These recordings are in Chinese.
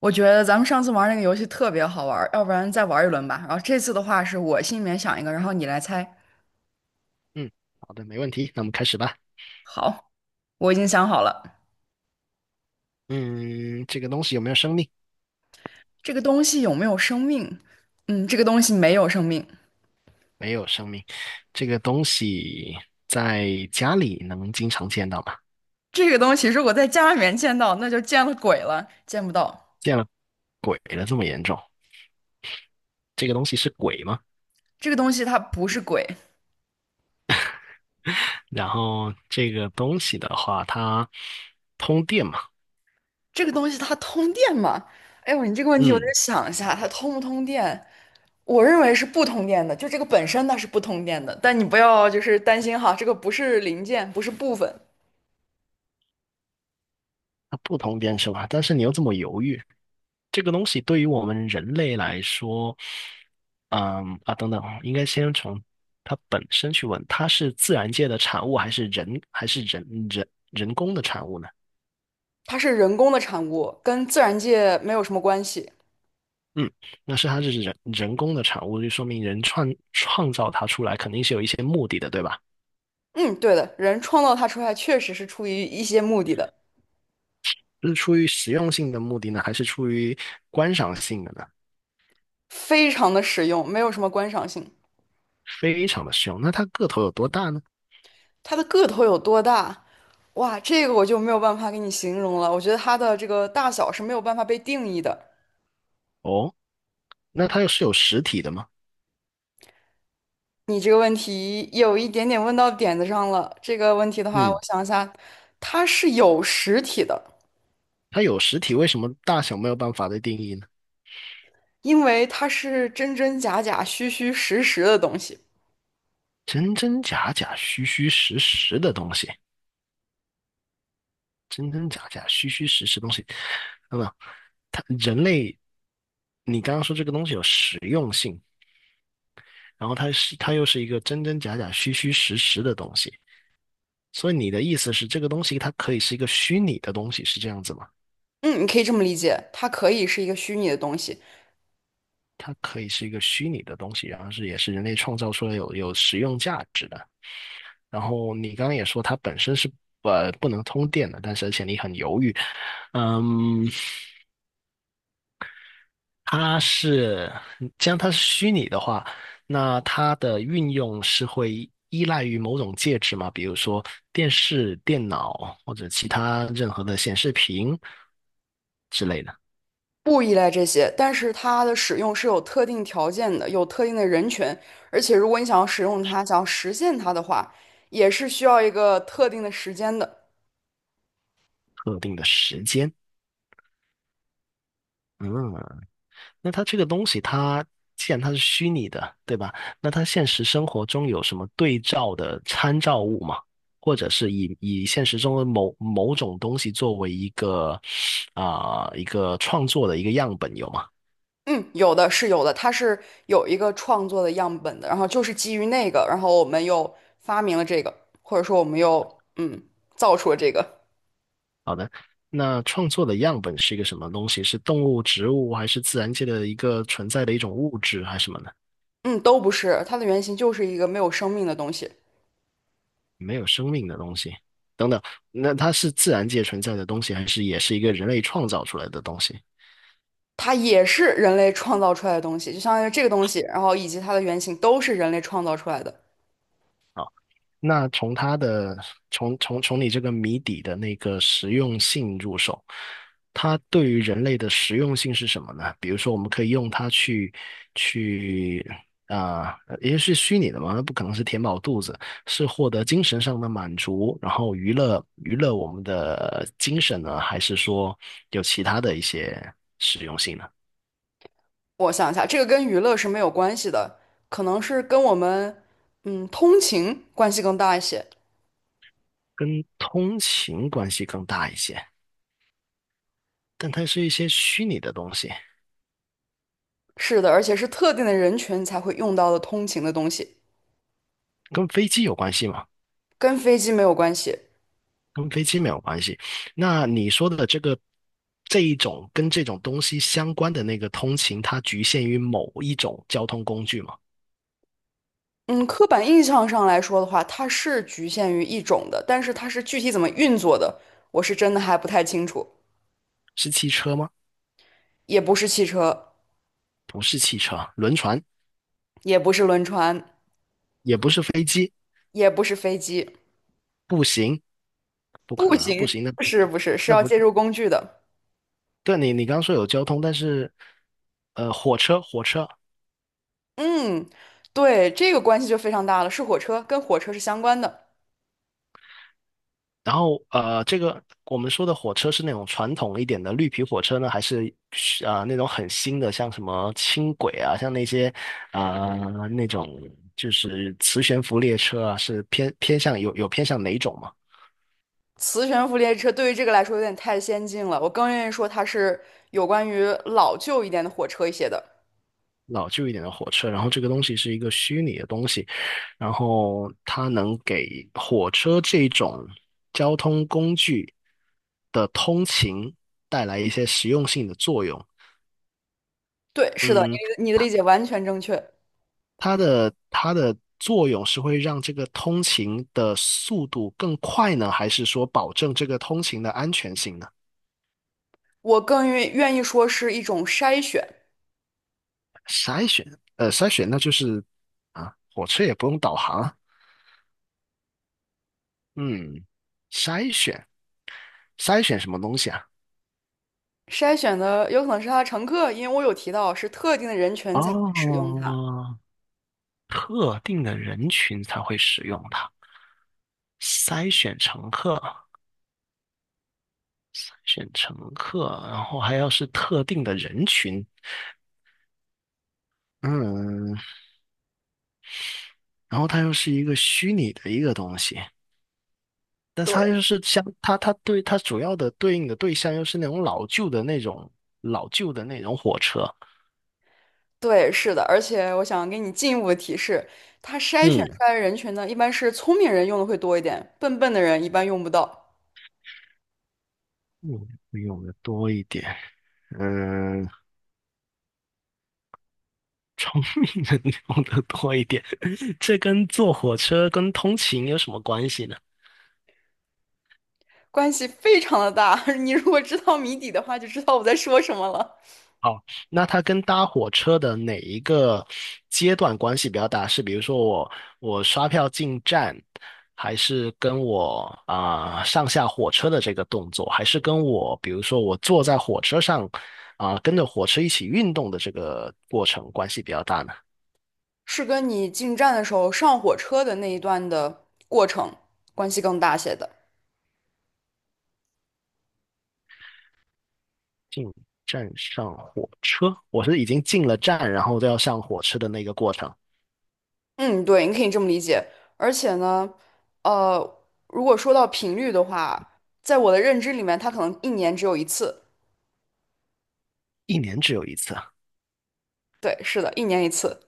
我觉得咱们上次玩那个游戏特别好玩儿，要不然再玩一轮吧。然后这次的话是我心里面想一个，然后你来猜。嗯，好的，没问题。那我们开始吧。好，我已经想好了，嗯，这个东西有没有生命？这个东西有没有生命？嗯，这个东西没有生命。没有生命。这个东西在家里能经常见到吗？这个东西如果在家里面见到，那就见了鬼了，见不到。见了鬼了，这么严重？这个东西是鬼吗？这个东西它不是鬼，然后这个东西的话，它通电嘛？这个东西它通电吗？哎呦，你这个问题我得嗯，想一下，它通不通电？我认为是不通电的，就这个本身它是不通电的，但你不要就是担心哈，这个不是零件，不是部分。它不通电是吧？但是你又这么犹豫，这个东西对于我们人类来说，等等啊，应该先从它本身去问，它是自然界的产物还是人工的产物呢？它是人工的产物，跟自然界没有什么关系。嗯，那是它是人工的产物，就说明人创造它出来肯定是有一些目的的，对吧？嗯，对的，人创造它出来确实是出于一些目的的，是出于实用性的目的呢，还是出于观赏性的呢？非常的实用，没有什么观赏性。非常的实用。那它个头有多大呢？它的个头有多大？哇，这个我就没有办法给你形容了。我觉得它的这个大小是没有办法被定义的。哦，那它又是有实体的吗？你这个问题有一点点问到点子上了。这个问题的话，嗯，我想一下，它是有实体的，它有实体，为什么大小没有办法的定义呢？因为它是真真假假、虚虚实实的东西。真真假假、虚虚实实的东西，真真假假、虚虚实实的东西，那么人类，你刚刚说这个东西有实用性，然后它又是一个真真假假、虚虚实实的东西，所以你的意思是这个东西它可以是一个虚拟的东西，是这样子吗？嗯，你可以这么理解，它可以是一个虚拟的东西，它可以是一个虚拟的东西，然后是也是人类创造出来有实用价值的。然后你刚刚也说它本身是不能通电的，但是而且你很犹豫，嗯。它是，既然它是虚拟的话，那它的运用是会依赖于某种介质嘛？比如说电视、电脑或者其他任何的显示屏之类的。不依赖这些，但是它的使用是有特定条件的，有特定的人群，而且如果你想要使用它，想要实现它的话，也是需要一个特定的时间的。特定的时间。嗯，那它这个东西它，既然它是虚拟的，对吧？那它现实生活中有什么对照的参照物吗？或者是以现实中的某种东西作为一个一个创作的一个样本有吗？嗯，有的是有的，它是有一个创作的样本的，然后就是基于那个，然后我们又发明了这个，或者说我们又造出了这个，好的，那创作的样本是一个什么东西？是动物、植物，还是自然界的一个存在的一种物质，还是什么呢？嗯，都不是，它的原型就是一个没有生命的东西。没有生命的东西，等等。那它是自然界存在的东西，还是也是一个人类创造出来的东西？它也是人类创造出来的东西，就相当于这个东西，然后以及它的原型都是人类创造出来的。那从它的从你这个谜底的那个实用性入手，它对于人类的实用性是什么呢？比如说，我们可以用它去，因为是虚拟的嘛，那不可能是填饱肚子，是获得精神上的满足，然后娱乐娱乐我们的精神呢，还是说有其他的一些实用性呢？我想一下，这个跟娱乐是没有关系的，可能是跟我们通勤关系更大一些。跟通勤关系更大一些，但它是一些虚拟的东西，是的，而且是特定的人群才会用到的通勤的东西，跟飞机有关系吗？跟飞机没有关系。跟飞机没有关系。那你说的这一种跟这种东西相关的那个通勤，它局限于某一种交通工具吗？嗯，刻板印象上来说的话，它是局限于一种的，但是它是具体怎么运作的，我是真的还不太清楚。是汽车吗？也不是汽车，不是汽车，轮船也不是轮船，也不是飞机，也不是飞机。步行不可步能啊，步行，行那不是不是，是那要不借助工具的。对。你刚刚说有交通，但是火车嗯，对，这个关系就非常大了，是火车，跟火车是相关的。然后这个我们说的火车是那种传统一点的绿皮火车呢，还是那种很新的，像什么轻轨啊，像那些那种就是磁悬浮列车啊，是偏向有偏向哪种嘛？磁悬浮列车对于这个来说有点太先进了，我更愿意说它是有关于老旧一点的火车一些的。老旧一点的火车，然后这个东西是一个虚拟的东西，然后它能给火车这种交通工具的通勤带来一些实用性的作用。对，是的，嗯，你的理解完全正确。它的作用是会让这个通勤的速度更快呢，还是说保证这个通勤的安全性呢？我更愿意说是一种筛选，筛选，筛选那就是啊，火车也不用导航啊，嗯，筛选筛选什么东西啊？筛选的有可能是它的乘客，因为我有提到是特定的人群才会使哦，用它。特定的人群才会使用它，筛选乘客，选乘客，然后还要是特定的人群，嗯，然后它又是一个虚拟的一个东西。但是它对。又是相，它对它主要的对应的对象又是那种老旧的那种火车，对，是的，而且我想给你进一步的提示，它筛选嗯出来的人群呢，一般是聪明人用的会多一点，笨笨的人一般用不到，嗯，会用的多一点，嗯，能用的多一点，这跟坐火车跟通勤有什么关系呢？关系非常的大。你如果知道谜底的话，就知道我在说什么了。哦，那它跟搭火车的哪一个阶段关系比较大？是比如说我刷票进站，还是跟我上下火车的这个动作，还是跟我比如说我坐在火车上跟着火车一起运动的这个过程关系比较大呢？是跟你进站的时候上火车的那一段的过程关系更大些的。进站上火车，我是已经进了站，然后都要上火车的那个过程，嗯，对，你可以这么理解。而且呢，呃，如果说到频率的话，在我的认知里面，它可能一年只有一次。一年只有一次啊，对，是的，一年一次。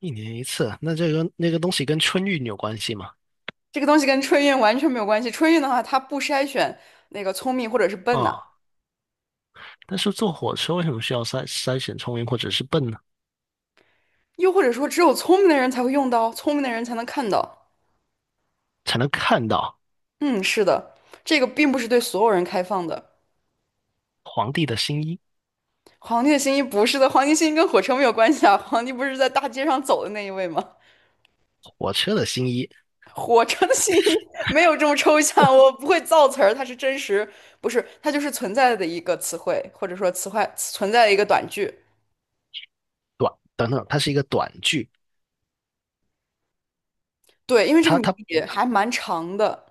一年一次，那这个那个东西跟春运有关系吗？这个东西跟春运完全没有关系。春运的话，它不筛选那个聪明或者是笨呐、啊、但是坐火车为什么需要筛选聪明或者是笨呢？又或者说只有聪明的人才会用到，聪明的人才能看到。才能看到嗯，是的，这个并不是对所有人开放的。皇帝的新衣、皇帝的新衣不是的，皇帝新衣跟火车没有关系啊。皇帝不是在大街上走的那一位吗？火车的新衣、火车的新衣没有这么抽象，我不会造词儿，它是真实，不是，它就是存在的一个词汇，或者说词汇存在的一个短句。等等，它是一个短句，对，因为这个它谜它底还蛮长的。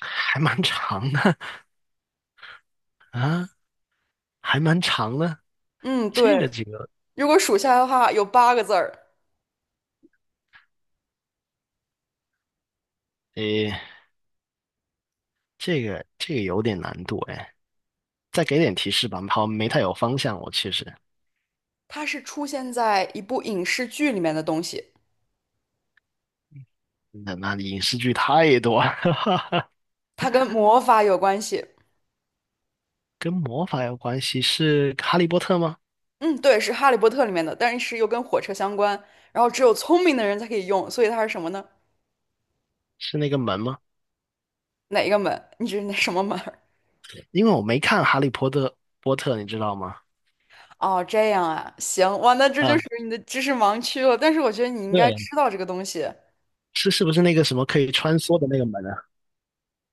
还蛮长的啊，还蛮长的。嗯，这个对。这个，如果数下来的话，有八个字儿，诶，这个有点难度哎，再给点提示吧，好，没太有方向，我其实。它是出现在一部影视剧里面的东西，那影视剧太多了，它跟魔法有关系。跟魔法有关系，是哈利波特吗？嗯，对，是《哈利波特》里面的，但是又跟火车相关。然后只有聪明的人才可以用，所以它是什么呢？是那个门吗？哪一个门？你这是哪什么门儿因为我没看哈利波特，你知道吗？哦，这样啊，行，哇，那这就啊，属于你的知识盲区了。但是我觉得你应该对，知道这个东西。是不是那个什么可以穿梭的那个门啊？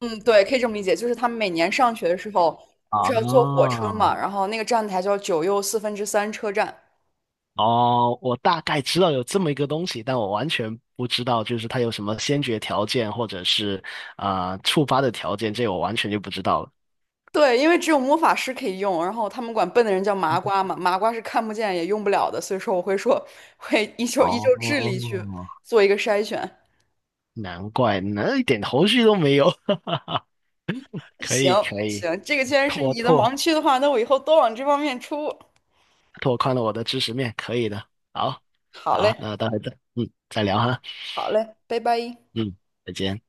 嗯，对，可以这么理解，就是他们每年上学的时候，不啊，是要坐火车嘛，然后那个站台叫9¾车站。哦，我大概知道有这么一个东西，但我完全不知道就是它有什么先决条件或者是触发的条件，这我完全就不知道了。对，因为只有魔法师可以用，然后他们管笨的人叫麻瓜嘛，麻瓜是看不见也用不了的，所以说我会说会依旧智力哦，去做一个筛选。难怪，那一点头绪都没有。可行以可以，行，这个既然是拓你的拓盲区的话，那我以后多往这方面出。拓宽了我的知识面，可以的。好，好好，嘞，那待会再再聊哈，好嘞，拜拜。嗯，再见。